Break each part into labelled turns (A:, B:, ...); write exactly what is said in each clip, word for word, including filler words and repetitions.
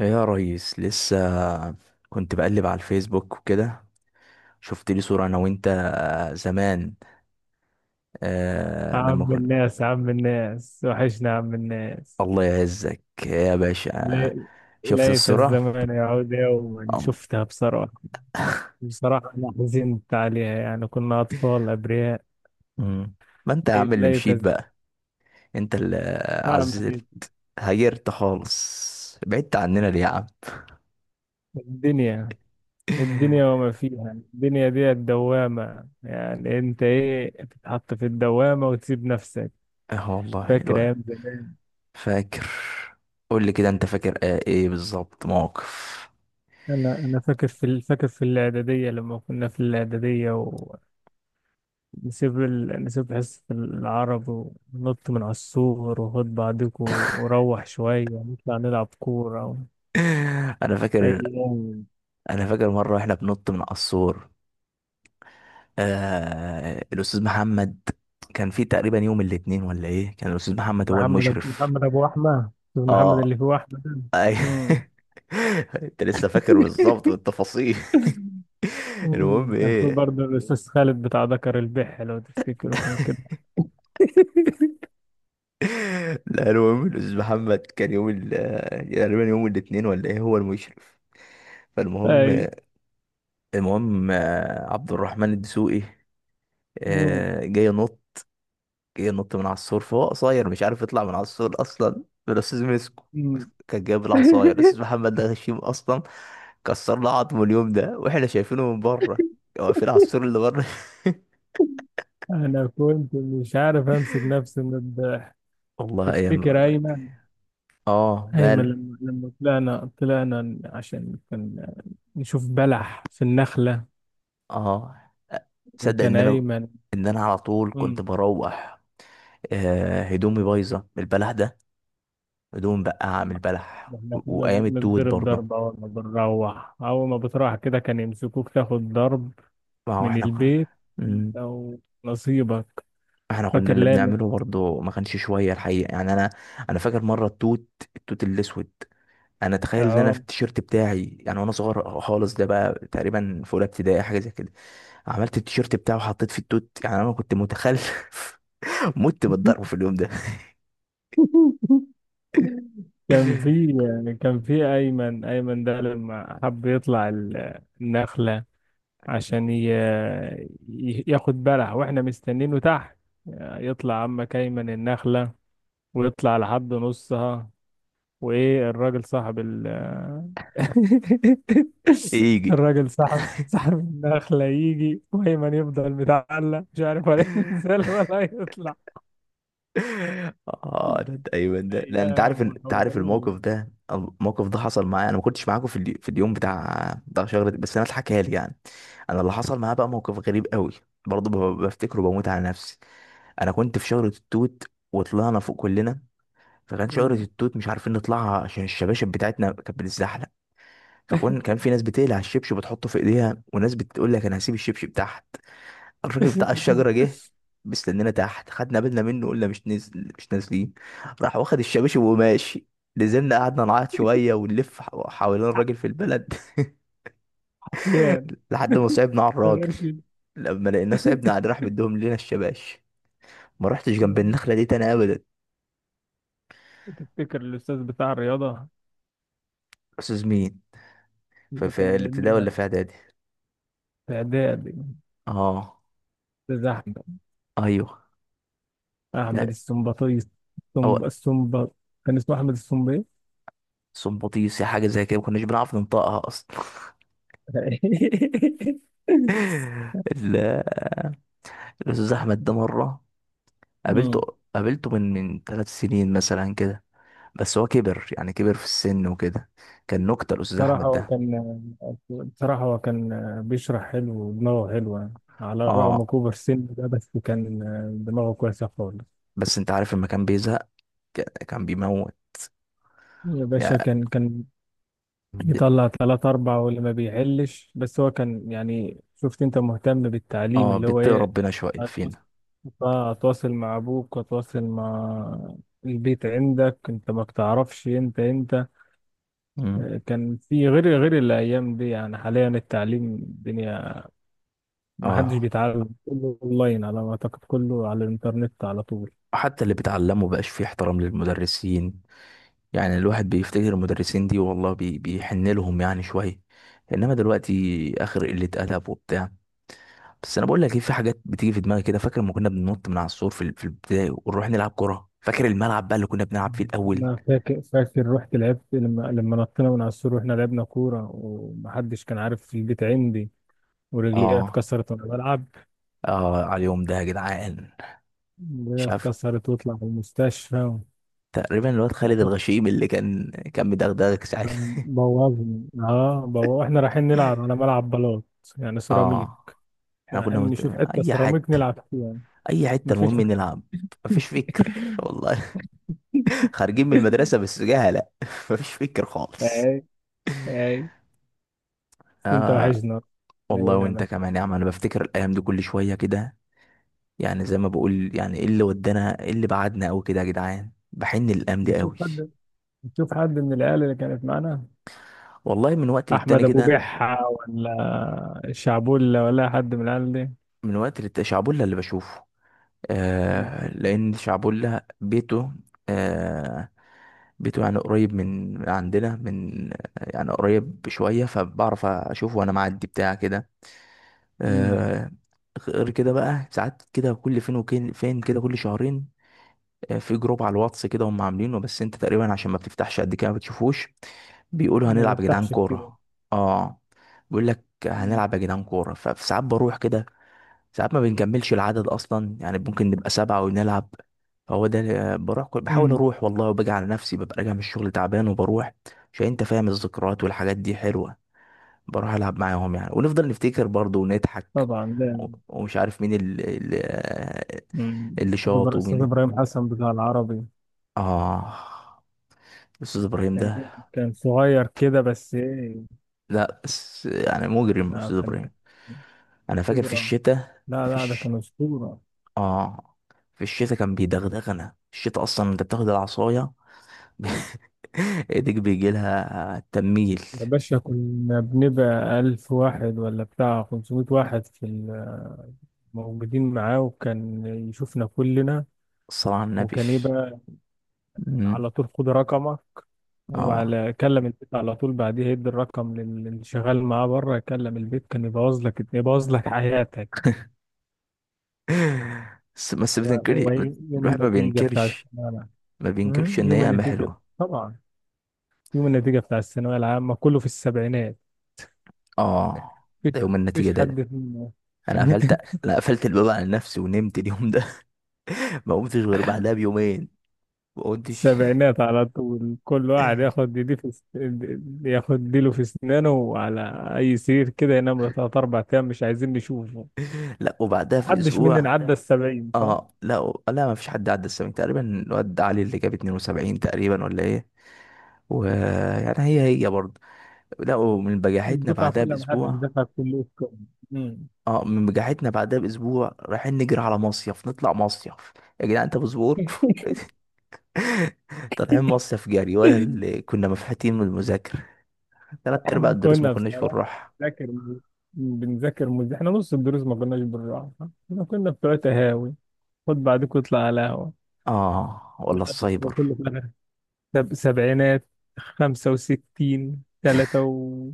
A: يا ريس لسه كنت بقلب على الفيسبوك وكده. شفت لي صورة انا وانت آه، زمان. آه لما
B: عم
A: كنت...
B: الناس، عم الناس وحشنا عم الناس.
A: الله يعزك يا باشا.
B: لي-
A: شفت
B: ليت
A: الصورة.
B: الزمن يعود يوما،
A: الله.
B: شفتها بصراحة. بصراحة أنا حزنت عليها، يعني كنا أطفال أبرياء.
A: مم. ما انت يا
B: لي-
A: عم اللي
B: ليت
A: مشيت
B: الز-
A: بقى؟ انت اللي
B: أعمل إيه؟
A: عزلت، هيرت خالص، بعدت عننا ليه يا عم؟
B: الدنيا الدنيا وما فيها، الدنيا دي الدوامة، يعني أنت إيه بتتحط في الدوامة وتسيب نفسك.
A: اه والله
B: فاكر
A: الوقت.
B: أيام زمان.
A: فاكر. قول لي كده، انت فاكر آه ايه بالظبط موقف؟
B: أنا أنا فاكر في ال- فاكر في الإعدادية، لما كنا في الإعدادية نسيب ال... نسيب حصة العرب ونط من على السور وخد بعضكم وروح شوية نطلع نلعب كورة و...
A: انا
B: أي
A: فاكر
B: يوم.
A: انا فاكر مره واحنا بنط من قصور. آه الاستاذ محمد، كان في تقريبا يوم الاثنين ولا ايه؟ كان الاستاذ محمد هو
B: محمد أبو،
A: المشرف.
B: محمد أبو أحمد، أستاذ محمد
A: اه.
B: اللي فيه أحمد ده.
A: اي.
B: مم.
A: انت لسه فاكر بالظبط بالتفاصيل؟ المهم
B: مم. كان فيه
A: ايه.
B: برضه الأستاذ خالد بتاع ذكر البح، لو تفتكروا كان كده.
A: لا، المهم الاستاذ محمد كان يوم ال- تقريبا يوم الاثنين ولا ايه هو المشرف. فالمهم،
B: أي.
A: المهم آه، عبد الرحمن الدسوقي
B: مم.
A: آه، جاي ينط جه نط من على السور. فهو قصير مش عارف يطلع من على السور اصلا، فالاستاذ مسكه.
B: مم.
A: كان جايب العصايه، الاستاذ محمد ده غشيم اصلا، كسر له عظمه اليوم ده واحنا شايفينه من بره، واقفين على السور اللي بره.
B: أنا كنت مش عارف أمسك نفسي من الضحك.
A: والله ايام.
B: تفتكر أيمن؟
A: اه
B: أيمن
A: ماله.
B: لما لما طلعنا طلعنا عشان كان نشوف بلح في النخلة،
A: اه تصدق
B: وكان
A: ان انا
B: أيمن.
A: ان انا على طول كنت
B: أمم،
A: بروح آه هدومي بايظه من البلح ده. هدوم بقى من البلح
B: إحنا
A: و-
B: كنا
A: وايام التوت
B: بنضرب
A: برضه.
B: ضرب أول ما بنروح، أول ما بتروح كده كان يمسكوك تاخد ضرب
A: ما هو
B: من
A: احنا
B: البيت.
A: كنا
B: أنت
A: مم.
B: ونصيبك.
A: احنا كنا
B: فاكر
A: اللي
B: لامن؟
A: بنعمله برضه ما كانش شويه الحقيقه، يعني انا انا فاكر مره التوت. التوت الاسود. انا تخيل ان انا في
B: أهو.
A: التيشيرت بتاعي يعني، وانا صغير خالص ده بقى تقريبا في اولى ابتدائي حاجه زي كده، عملت التيشيرت بتاعي وحطيت فيه التوت. يعني انا كنت متخلف. مت بالضرب في اليوم ده.
B: كان في كان في أيمن، أيمن ده لما حب يطلع ال- النخلة عشان ي... ي- ياخد بلح وإحنا مستنينه تحت. يطلع عمك أيمن النخلة ويطلع لحد نصها، وايه، الراجل صاحب ال
A: يجي.
B: الراجل صاحب، صاحب النخلة يجي، وأيمن يفضل متعلق مش عارف ولا ينزل ولا يطلع.
A: اه، ده ده- ايوه ده، لان انت عارف إن-
B: أيام
A: انت عارف
B: وحوارات.
A: الموقف ده الموقف ده حصل معايا. انا ما كنتش معاكم في الي- في اليوم بتاع بتاع شجره، بس انا اتحكى لي يعني. انا اللي حصل معايا بقى موقف غريب قوي، برضه ب- بفتكره بموت على نفسي. انا كنت في شجره التوت وطلعنا فوق كلنا. فكان شجره
B: مم.
A: التوت مش عارفين نطلعها عشان الشباشب بتاعتنا كانت بتتزحلق. فكان كان في ناس بتقلع الشبشب وتحطه في ايديها، وناس بتقول لك انا هسيب الشبشب بتاعها. الراجل بتاع الشجرة جه مستنينا تحت. خدنا بالنا منه، قلنا مش نزل، مش نازلين. راح واخد الشباشب وماشي. نزلنا، قعدنا نعيط شوية ونلف ح- حوالين الراجل في البلد
B: حرفيا،
A: لحد ما صعبنا على
B: من
A: الراجل.
B: غير شيء.
A: لما لقيناه صعبنا عليه راح مديهم لنا الشباش. ما رحتش جنب
B: مم.
A: النخلة دي تاني أبدا.
B: تفتكر الأستاذ بتاع الرياضة
A: أستاذ مين؟ في,
B: اللي كان
A: في الابتدائي
B: مدينا
A: ولا في إعدادي؟
B: في إعدادي؟
A: اه.
B: الأستاذ أحمد،
A: ايوه.
B: أحمد
A: لا.
B: السمبطيس،
A: او.
B: السمب، السمب، كان اسمه أحمد السمبي.
A: صمبطيسي حاجه زي كده، ما كناش بنعرف ننطقها اصلا. ال- الاستاذ احمد ده مره قابلته.
B: مم.
A: قابلته من من ثلاث سنين مثلا كده، بس هو كبر يعني كبر في السن وكده. كان نكتة الأستاذ
B: بصراحة
A: أحمد
B: هو
A: ده.
B: كان، بصراحة هو كان بيشرح حلو ودماغه حلوة، على الرغم
A: اه،
B: كبر السن ده، بس كان دماغه كويسة خالص.
A: بس أنت عارف لما كان بيزهق ك- كان بيموت
B: يا باشا
A: يعني.
B: كان، كان يطلع تلات أربع واللي ما بيحلش، بس هو كان يعني، شفت أنت، مهتم بالتعليم
A: اه
B: اللي هو
A: بيتقي
B: إيه،
A: ربنا شوية
B: أتواصل،
A: فينا.
B: أتواصل مع أبوك، أتواصل مع البيت عندك. أنت ما بتعرفش، أنت أنت
A: مم.
B: كان في، غير غير الأيام دي. يعني حاليا التعليم، الدنيا ما حدش
A: اه
B: بيتعلم، كله اونلاين على ما اعتقد، كله على الانترنت على طول.
A: حتى اللي بتعلمه بقاش فيه احترام للمدرسين. يعني الواحد بيفتكر المدرسين دي والله بي بيحن لهم يعني شوية، انما دلوقتي اخر قلة ادب وبتاع. بس انا بقول لك ايه، في حاجات بتيجي في دماغي كده. فاكر لما كنا بننط من على السور في ال- في البداية ونروح نلعب كرة؟ فاكر الملعب بقى اللي كنا بنلعب فيه الاول؟
B: انا فاكر، فاكر رحت لعبت لما لما نطينا من على السور، واحنا لعبنا كوره ومحدش كان عارف في البيت عندي، ورجلي
A: اه،
B: اتكسرت وانا بلعب.
A: اه على اليوم ده يا جدعان.
B: رجلي
A: مش عارف،
B: اتكسرت واطلع في المستشفى.
A: تقريبا الواد خالد
B: وحط،
A: الغشيم اللي كان كان مدغدغك ساعتها.
B: بوظني، اه بو... احنا رايحين نلعب على ملعب بلاط، يعني سيراميك.
A: اه احنا كنا
B: رايحين
A: مت...
B: نشوف حته
A: اي
B: سيراميك
A: حته،
B: نلعب فيها يعني.
A: اي حته
B: مفيش.
A: المهم نلعب. مفيش فكر والله، خارجين من المدرسة بس جهلة. مفيش فكر
B: اي،
A: خالص.
B: اي، بس انت
A: آه
B: وحشنا.
A: والله، وانت
B: ايامك.
A: كمان يا عم. انا بفتكر الايام دي كل شوية كده، يعني زي ما بقول يعني، ايه اللي ودانا، ايه اللي بعدنا قوي كده يا جدعان؟ بحن الايام دي
B: بتشوف
A: قوي.
B: حد؟ نشوف حد من العيال اللي كانت معانا،
A: والله، من وقت للتاني
B: احمد ابو
A: كده.
B: بحة، ولا الشعبولة، ولا حد من العيال دي؟
A: من وقت للتاني شعبولة اللي بشوفه، آه
B: ونشوفه.
A: لان شعبولة بيته، آه بيته يعني قريب من من عندنا، من يعني قريب شوية فبعرف اشوفه وانا معدي بتاع كده.
B: مم.
A: آه، غير كده بقى ساعات كده، كل فين وكين فين كده، كل شهرين. آه، في جروب على الواتس كده هم عاملينه، بس انت تقريبا عشان ما بتفتحش قد كده ما بتشوفوش. بيقولوا
B: ما
A: هنلعب يا جدعان
B: بفتحش كتير.
A: كورة. اه، بيقول لك
B: مم.
A: هنلعب يا جدعان كورة، فساعات بروح كده. ساعات ما بنكملش العدد اصلا، يعني ممكن نبقى سبعة ونلعب. فهو ده اللي- آه، بروح كل- بحاول
B: مم.
A: اروح والله، وباجي على نفسي ببقى راجع من الشغل تعبان وبروح، عشان انت فاهم الذكريات والحاجات دي حلوة، بروح العب معاهم يعني. ونفضل نفتكر برضو ونضحك،
B: طبعا.
A: و-
B: لا.
A: ومش عارف مين اللي اللي
B: مم.
A: اللي
B: أستاذ
A: شاط،
B: إبر-، أستاذ
A: ومين ال-
B: إبراهيم حسن بتاع العربي.
A: اه استاذ ابراهيم
B: كان،
A: ده.
B: كان صغير كده بس إيه،
A: لا بس يعني مجرم
B: آه
A: استاذ
B: كان،
A: ابراهيم.
B: كان
A: انا فاكر في
B: أسطورة.
A: الشتاء
B: لا
A: في
B: لا، ده
A: الش...
B: كان أسطورة.
A: اه في الشتاء كان بيدغدغنا. الشتاء اصلا انت بتاخد العصايه، ايدك بيجي لها تميل.
B: يا باشا كنا بنبقى ألف واحد ولا بتاع خمسمية واحد في ال- موجودين معاه، وكان يشوفنا كلنا.
A: الصلاة على النبي.
B: وكان ايه بقى،
A: مم.
B: على طول خد رقمه
A: اه،
B: وعلى كلم البيت على طول بعديها، يدي الرقم لل- للي شغال معاه بره يكلم البيت. كان يبوظ لك، يبوظ لك حياتك.
A: بس بس
B: و-
A: بتنكري.
B: ويوم
A: الواحد ما
B: النتيجة بتاع
A: بينكرش
B: الثانوية العامة.
A: ما بينكرش
B: أمم،
A: ان
B: يوم
A: هي قامة
B: النتيجة.
A: حلوة.
B: طبعا. يوم النتيجة بتاع الثانوية العامة كله في السبعينات.
A: اه،
B: مفيش،
A: ده يوم النتيجة
B: مفيش
A: ده، ده.
B: حد في،
A: انا قفلت، انا قفلت الباب على نفسي ونمت اليوم ده. ما قمتش غير بعدها بيومين. ما قمتش.
B: السبعينات على طول. كل واحد ياخد دي في س- ياخد ديله في اسنانه، وعلى اي سرير كده ينام له تلات اربع ايام، مش عايزين نشوفه.
A: لا وبعدها في
B: محدش
A: اسبوع.
B: مننا عدى السبعين، صح؟
A: اه، لا و- لا ما فيش حد عدى السبعين تقريبا، الواد علي اللي جاب اثنين وسبعين تقريبا ولا ايه. ويعني هي هي برضه. لا، ومن بجاحتنا
B: الدفعة
A: بعدها
B: كلها محدش
A: باسبوع.
B: دفع كله. امم.
A: اه من بجاحتنا بعدها باسبوع رايحين نجري على مصيف، نطلع مصيف. يا جدعان انت مصبور. طالعين مصيف جري ولا اللي كنا مفحتين من المذاكرة؟ تلات ارباع
B: احنا
A: الدروس ما
B: كنا
A: كناش
B: بصراحة
A: بنروح.
B: بنذاكر، بنذاكر مز... احنا نص الدروس ما كناش بنروح. احنا كنا بتوع تهاوي، خد بعدك واطلع على قهوة.
A: اه ولا
B: لحد ما
A: السايبر.
B: كله في الآخر، سب... سبعينات، خمسة وستين، تلاتة و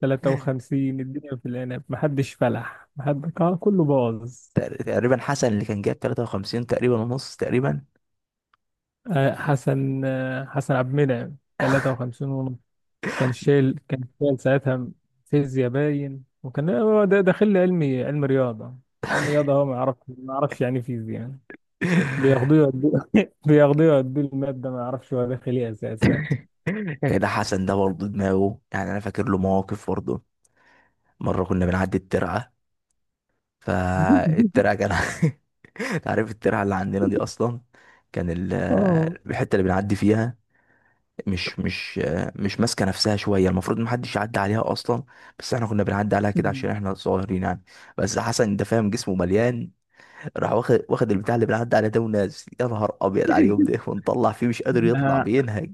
B: تلاتة وخمسين، الدنيا في العنب محدش فلح، محد، آه، كله باظ.
A: تق- تقريبا حسن اللي كان جايب تلاتة وخمسين تقريبا ونص تقريبا.
B: آه، حسن، آه، حسن عبد المنعم ثلاثة وخمسين ونص. كان شايل، كان شايل ساعتها فيزياء باين، وكان هو ده داخل لي علمي، علم رياضة. علم رياضة هو ما يعرف، ما يعرفش يعني فيزياء يعني. بياخدوه يودوه، بياخدوه يودوه، المادة ما يعرفش هو داخل ايه أساسا.
A: كده حسن ده برضه دماغه، يعني انا فاكر له مواقف برضه. مره كنا بنعدي الترعه، فالترعه كان... عارف الترعه اللي عندنا دي اصلا؟ كان ال-
B: اه.
A: الحته اللي بنعدي فيها مش مش مش ماسكه نفسها شويه، المفروض ما حدش يعدي عليها اصلا، بس احنا كنا بنعدي عليها كده عشان احنا صغيرين يعني. بس حسن ده فاهم جسمه مليان، راح واخد واخد البتاع اللي بنعدي عليه ده ونازل. يا نهار ابيض على اليوم ده، ونطلع فيه مش قادر يطلع،
B: آه،
A: بينهج.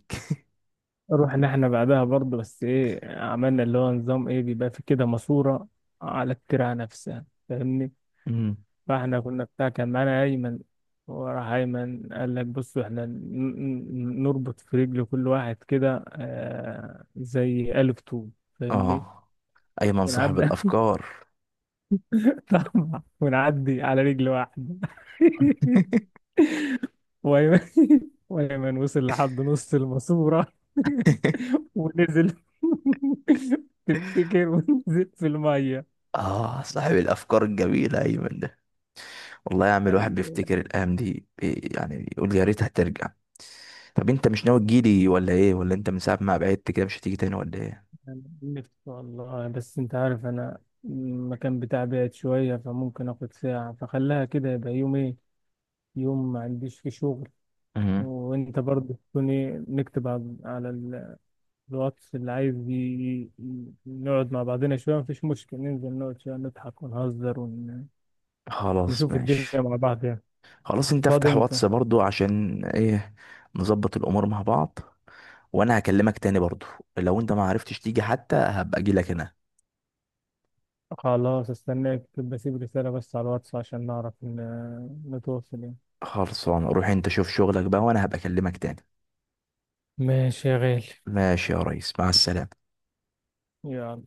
B: رحنا احنا بعدها برضه، بس ايه عملنا، اللي هو نظام ايه، بيبقى في كده ماسورة على الترعة نفسها، فاهمني؟
A: امم.
B: فاحنا كنا بتاع، كان معانا أيمن، وراح أيمن قال لك بصوا، احنا ن- ن- نربط في رجل كل واحد كده، آه زي ألف طول، فاهمني؟
A: اه ايمن صاحب
B: ونعدي.
A: الافكار.
B: طبعا، ونعدي على رجل واحدة. وأيمن، وأيمن وصل لحد نص الماسورة ونزل. تفتكر، ونزل في المية.
A: اه صاحب الافكار الجميله ايمن ده. والله يا عم الواحد
B: ايوه،
A: بيفتكر الايام دي بي- يعني يقول يا ريتها ترجع. طب انت مش ناوي تجيلي ولا ايه، ولا انت من ساعه ما بعدت كده مش هتيجي تاني ولا ايه؟
B: نفسي والله، بس انت عارف انا المكان بتاعي بعيد شوية، فممكن اخد ساعة، فخليها كده، يبقى يوم ايه، يوم ما عنديش فيه شغل.
A: امم.
B: وانت برضه تكون، ايه، نكتب على، على ال- الواتس اللي عايز، ي- ي- نقعد مع بعضنا شوية، مفيش مشكلة ننزل نقعد شوية نضحك ونهزر
A: خلاص
B: ونشوف الدنيا
A: ماشي.
B: مع بعض يعني.
A: خلاص انت
B: فاضي
A: افتح
B: امتى؟
A: واتس برضو عشان ايه نظبط الامور مع بعض، وانا هكلمك تاني برضو. لو انت ما عرفتش تيجي حتى هبقى اجي لك هنا.
B: خلاص استناك، بسيب رسالة بس على الواتس عشان نعرف ن- نتواصل يعني.
A: خلصان، روح انت شوف شغلك بقى، وانا هبقى اكلمك تاني.
B: ماشي يا غالي.
A: ماشي يا ريس، مع السلامة.
B: يلا.